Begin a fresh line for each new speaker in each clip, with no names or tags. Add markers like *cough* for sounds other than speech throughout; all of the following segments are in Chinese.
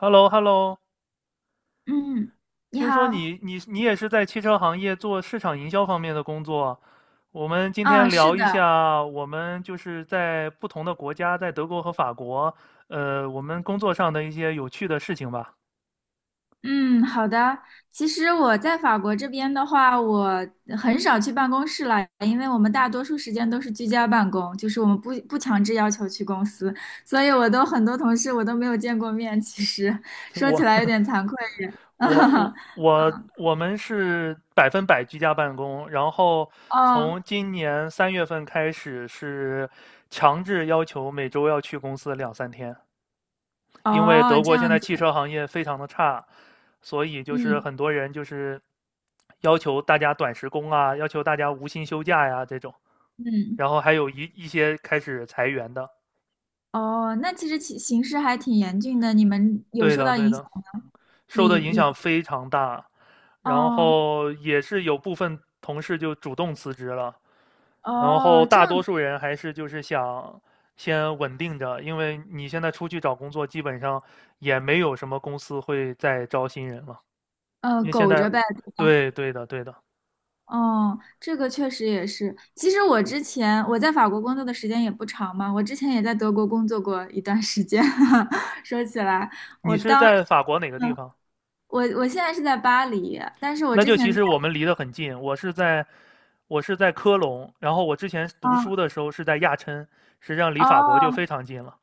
h e l l o h e l l o
嗯，你
听说
好，
你也是在汽车行业做市场营销方面的工作。我们今
啊，
天
是
聊一
的，
下，我们就是在不同的国家，在德国和法国，我们工作上的一些有趣的事情吧。
嗯，好的。其实我在法国这边的话，我很少去办公室了，因为我们大多数时间都是居家办公，就是我们不强制要求去公司，所以我都很多同事我都没有见过面。其实
*laughs*
说
我
起
*laughs*
来有点惭愧。
我我
*laughs*
我我们是百分百居家办公，然后
哦
从今年3月份开始是强制要求每周要去公司两三天。因为
哦，
德
这
国现
样
在
子，
汽车行业非常的差，所以就是
嗯
很多人就是要求大家短时工啊，要求大家无薪休假呀这种，
嗯，
然后还有一些开始裁员的，
哦，那其实其形势还挺严峻的，你们有
对
受
的
到
对
影响
的，
吗？
受
你
的影响
你
非常大，然
哦
后也是有部分同事就主动辞职了，然后
哦，这
大多
样。
数人还是就是想先稳定着，因为你现在出去找工作，基本上也没有什么公司会再招新人了。因为现
苟
在，
着呗，对吧？
对对的对的，
哦，这个确实也是。其实我之前我在法国工作的时间也不长嘛，我之前也在德国工作过一段时间。*laughs* 说起来，我
你是
当时，
在法国哪个地
嗯，
方？
我现在是在巴黎，但是我
那
之
就其
前在，
实我们离得很近，我是在科隆，然后我之前读
哦
书的时候是在亚琛，实际上离法国就
哦，
非常近了。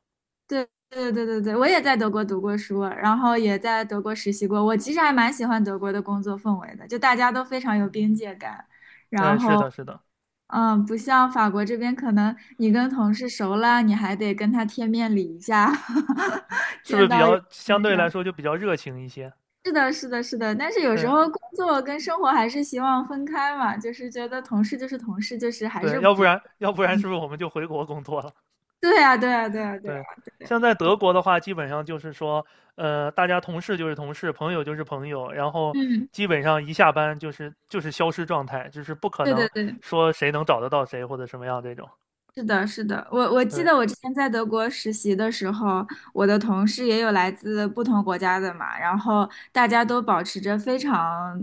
对对对对对，我也在德国读过书，然后也在德国实习过。我其实还蛮喜欢德国的工作氛围的，就大家都非常有边界感，然
嗯，是
后。
的，是的，
嗯，不像法国这边，可能你跟同事熟了，你还得跟他贴面礼一下，*laughs*
是不
见
是比
到有
较
是
相
没事
对来说就比较热情一些？
是的，是的，是的。但是有时
嗯，
候工作跟生活还是希望分开嘛，就是觉得同事就是同事，就是还
对，
是
要不
不，
然要不然
嗯，
是不是我们就回国工作了？
对呀，对呀，对呀，对呀，
对，
对呀，
像在
我，
德国的话，基本上就是说，大家同事就是同事，朋友就是朋友，然后
嗯，
基本上一下班就是消失状态，就是不可
对
能
对对。
说谁能找得到谁或者什么样这种。
是的，是的，我记
对，
得我之前在德国实习的时候，我的同事也有来自不同国家的嘛，然后大家都保持着非常，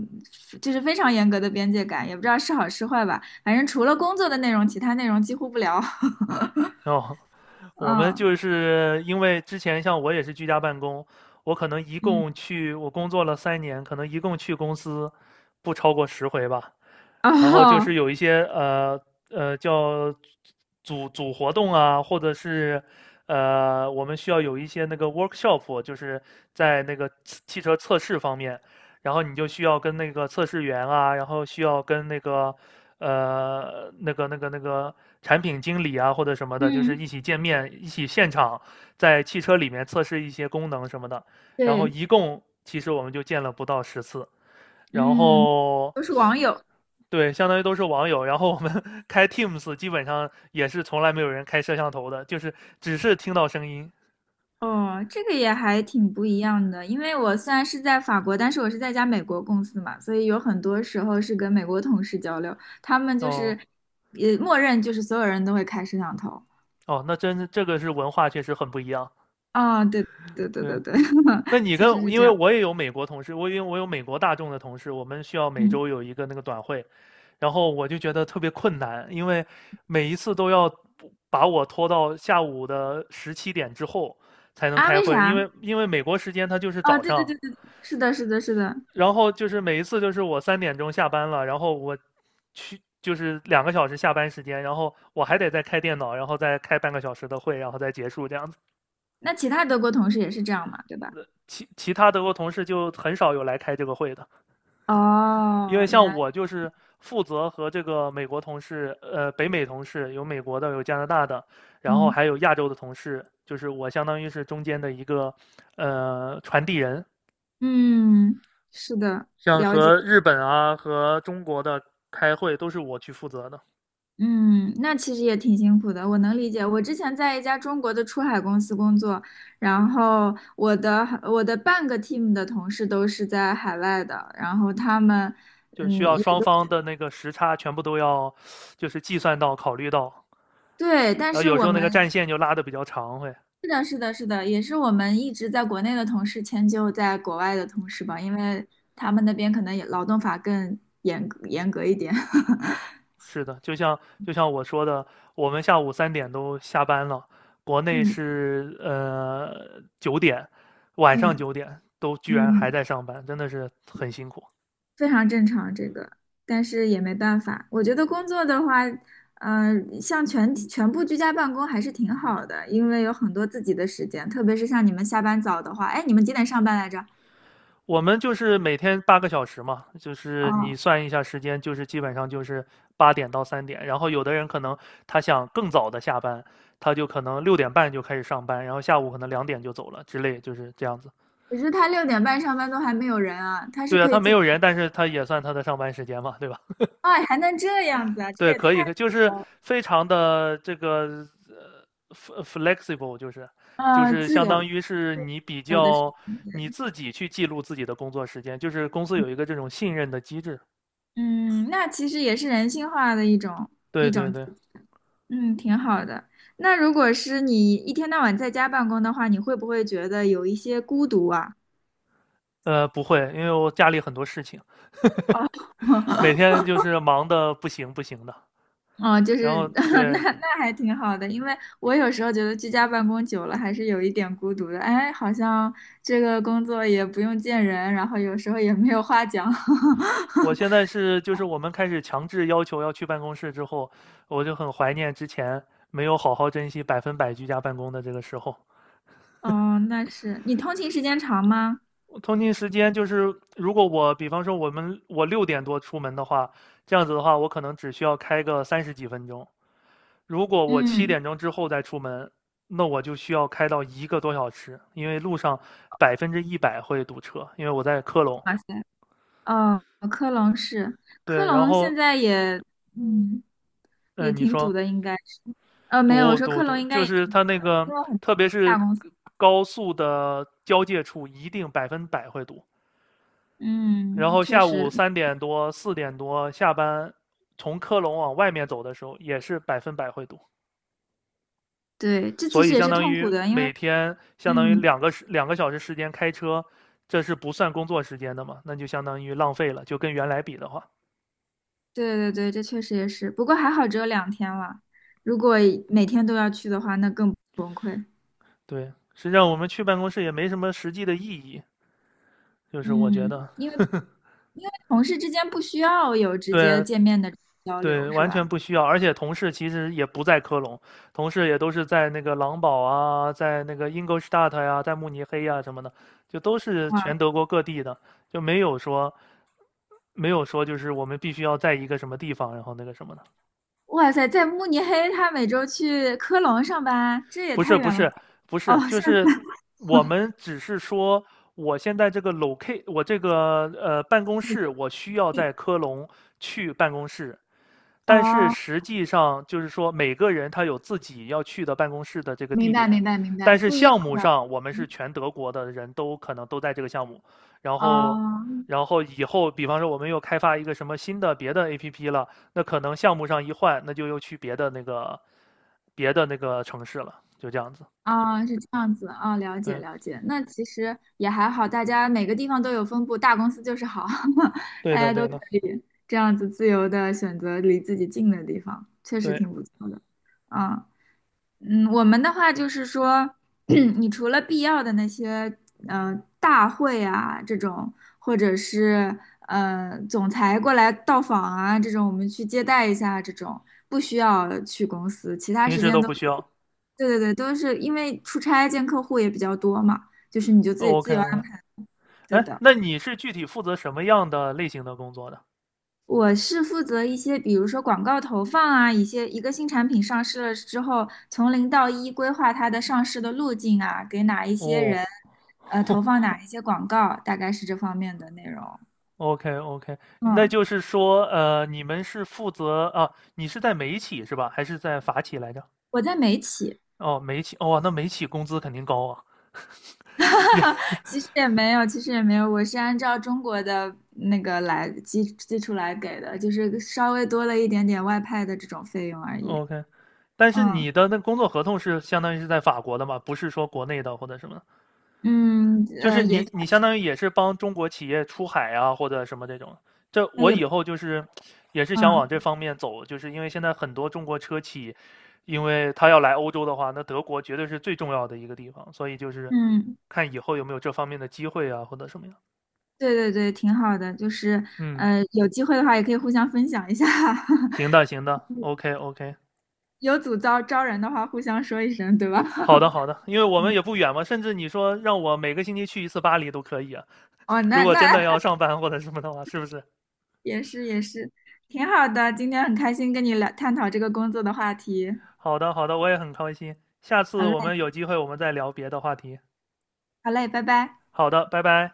就是非常严格的边界感，也不知道是好是坏吧，反正除了工作的内容，其他内容几乎不聊。*laughs*
哦，我们
嗯
就是因为之前像我也是居家办公，我可能一
嗯
共去我工作了3年，可能一共去公司不超过10回吧。然后就是
哦
有一些叫组活动啊，或者是我们需要有一些那个 workshop，就是在那个汽车测试方面，然后你就需要跟那个测试员啊，然后需要跟那个产品经理啊或者什么的，就是
嗯，
一起见面，一起现场在汽车里面测试一些功能什么的。然后
对，
一共其实我们就见了不到10次。然
嗯，
后
都是网友。
对，相当于都是网友。然后我们 *laughs* 开 Teams，基本上也是从来没有人开摄像头的，就是只是听到声音。
哦，这个也还挺不一样的，因为我虽然是在法国，但是我是在一家美国公司嘛，所以有很多时候是跟美国同事交流，他们就
哦
是，也默认就是所有人都会开摄像头。
哦，那真是这个是文化，确实很不一样。
啊，对对对
对，
对对，
那
*laughs*
你
确
跟
实是
因
这
为
样。
我也有美国同事，我因为我有美国大众的同事，我们需要每
嗯，
周有一个那个短会，然后我就觉得特别困难，因为每一次都要把我拖到下午的17点之后才能
啊，
开
为
会，因
啥？
为因为美国时间它就是
哦，
早
对对
上，
对对，是的，是的，是的。
然后就是每一次就是我3点钟下班了，然后我去就是两个小时下班时间，然后我还得再开电脑，然后再开半个小时的会，然后再结束这样子。
那其他德国同事也是这样嘛，对吧？
其他德国同事就很少有来开这个会的，因为
哦，原
像
来，
我就是负责和这个美国同事，呃，北美同事有美国的，有加拿大的，然后
嗯
还有亚洲的同事，就是我相当于是中间的一个传递人，
嗯，是的，
像
了解。
和日本啊和中国的开会都是我去负责的。
嗯，那其实也挺辛苦的，我能理解。我之前在一家中国的出海公司工作，然后我的半个 team 的同事都是在海外的，然后他们
就需
嗯
要
也
双
都
方的那个时差全部都要，就是计算到、考虑到，
对，但
然后
是
有时
我
候那个战
们
线就拉的比较长会。
是的，是的，是的，也是我们一直在国内的同事迁就在国外的同事吧，因为他们那边可能也劳动法更严格一点。*laughs*
是的，就像我说的，我们下午三点都下班了，国内
嗯
是九点，晚上
嗯
九点都居然还
嗯。
在上班，真的是很辛苦。
非常正常这个，但是也没办法。我觉得工作的话，呃，像全部居家办公还是挺好的，因为有很多自己的时间，特别是像你们下班早的话，哎，你们几点上班来着？
我们就是每天8个小时嘛，就是你
哦，
算一下时间，就是基本上就是8点到3点。然后有的人可能他想更早的下班，他就可能6点半就开始上班，然后下午可能2点就走了之类，就是这样子。
可是他6:30上班都还没有人啊，他是
对啊，
可
他
以
没
自己，
有人，但是他也算他的上班时间嘛，对吧？
哎，还能这
*laughs*
样子啊，这
对，
也
可
太
以，就是
好了，
非常的这个flexible，就是就是
自
相
由
当
自
于是你比
由的时
较
间，
你
对
自己去记录自己的工作时间，就是公司有一个这种信任的机制。
嗯，那其实也是人性化的一种
对
一
对
种。
对。
嗯，挺好的。那如果是你一天到晚在家办公的话，你会不会觉得有一些孤独啊？
不会，因为我家里很多事情，
哦
每天就是忙的不行不行的。
哦，就
然
是
后
*laughs* 那
对
那还挺好的，因为我有时候觉得居家办公久了还是有一点孤独的。哎，好像这个工作也不用见人，然后有时候也没有话讲。*laughs*
我现在是，就是我们开始强制要求要去办公室之后，我就很怀念之前没有好好珍惜百分百居家办公的这个时候。
哦，那是你通勤时间长吗？
通勤时间就是，如果我比方说我6点多出门的话，这样子的话，我可能只需要开个30几分钟，如果我七
嗯，
点钟之后再出门，那我就需要开到一个多小时，因为路上100%会堵车，因为我在科隆。
哇塞，哦，科隆是科
对，然
隆，
后，
现在也嗯也
嗯、你
挺堵
说
的，应该。没有，我
堵
说
堵
克隆
堵，
应该
就
也
是
挺苦
它那
的，
个，
因为很
特
多
别
大
是
公司，
高速的交界处，一定百分百会堵。然
嗯，
后
确
下午
实，
3点多、4点多下班，从科隆往外面走的时候，也是百分百会堵。
对，这其
所以
实也
相
是
当
痛苦
于
的，因为，
每天相当于
嗯，
两个小时时间开车，这是不算工作时间的嘛？那就相当于浪费了，就跟原来比的话，
对对对，这确实也是，不过还好只有2天了，如果每天都要去的话，那更崩溃，
对，实际上我们去办公室也没什么实际的意义，就是我觉
嗯，
得，
因为同事之间不需要有直接
对
见面的交
对，
流，是
完全
吧？
不需要。而且同事其实也不在科隆，同事也都是在那个狼堡啊，在那个 Ingolstadt 呀、在慕尼黑呀、什么的，就都是全
哇
德国各地的，就没有说就是我们必须要在一个什么地方，然后那个什么的。
哇塞，在慕尼黑，他每周去科隆上班，这也
不是
太
不
远了吧？
是不
哦，
是，就
下
是
次，
我们只是说，我现在这个 locate，我这个办公室，我需要在科隆去办公室，但是
哦，
实际上就是说，每个人他有自己要去的办公室的这个
明
地
白
点，
明白明
但
白，
是
不一样
项目
的，
上我们是
嗯
全德国的人都可能都在这个项目，然后，
哦。
然后以后比方说我们又开发一个什么新的别的 APP 了，那可能项目上一换，那就又去别的那个城市了，就这样子。
啊，是这样子啊，了解
对，
了解。那其实也还好，大家每个地方都有分布，大公司就是好，*laughs*
对
大
的，
家都
对
可
的，
以这样子自由的选择离自己近的地方，确实
对，
挺不错的。啊，嗯，我们的话就是说，*clears throat* 你除了必要的那些大会啊这种，或者是总裁过来到访啊这种，我们去接待一下这种，不需要去公司，其他
平
时
时
间
都
都。
不需要。
对对对，都是因为出差见客户也比较多嘛，就是你就自己自由安
OK，OK。
排对
哎，
的。
那你是具体负责什么样的类型的工作的？
我是负责一些，比如说广告投放啊，一些一个新产品上市了之后，从零到一规划它的上市的路径啊，给哪一些人，
哦，
投
*laughs*
放哪一些广告，大概是这方面的内容。
OK OK，那
嗯，
就是说，你们是负责啊？你是在美企是吧？还是在法企来着？
我在美企，
哦，美企，哦，那美企工资肯定高啊，*laughs* 也
*laughs* 其实也没有，其实也没有，我是按照中国的那个来基础来给的，就是稍微多了一点点外派的这种费用而已。
OK。但是
嗯。
你的那工作合同是相当于是在法国的嘛？不是说国内的或者什么
嗯，
就是
也
你
算
你相
是
当于也是帮中国企业出海啊，或者什么这种。这
哎
我
也
以
不，
后就是也是想往这
嗯
方面走，就是因为现在很多中国车企，因为他要来欧洲的话，那德国绝对是最重要的一个地方，所以就是
嗯，
看以后有没有这方面的机会啊，或者什么样。
对对对，挺好的，就是
嗯，
有机会的话也可以互相分享一下，
行的行
*laughs*
的，OK OK。
有组招人的话，互相说一声，对吧？
好的，好
*laughs*
的，因为我们也不远嘛，甚至你说让我每个星期去一次巴黎都可以啊。
哦，
如
那
果
那
真的要
*laughs*
上班或者什么的话，是不是？
也是也是，挺好的，今天很开心跟你聊探讨这个工作的话题，
好的，好的，我也很开心。下
好
次我
嘞
们有机会我们再聊别的话题。
好嘞，拜拜。
好的，拜拜。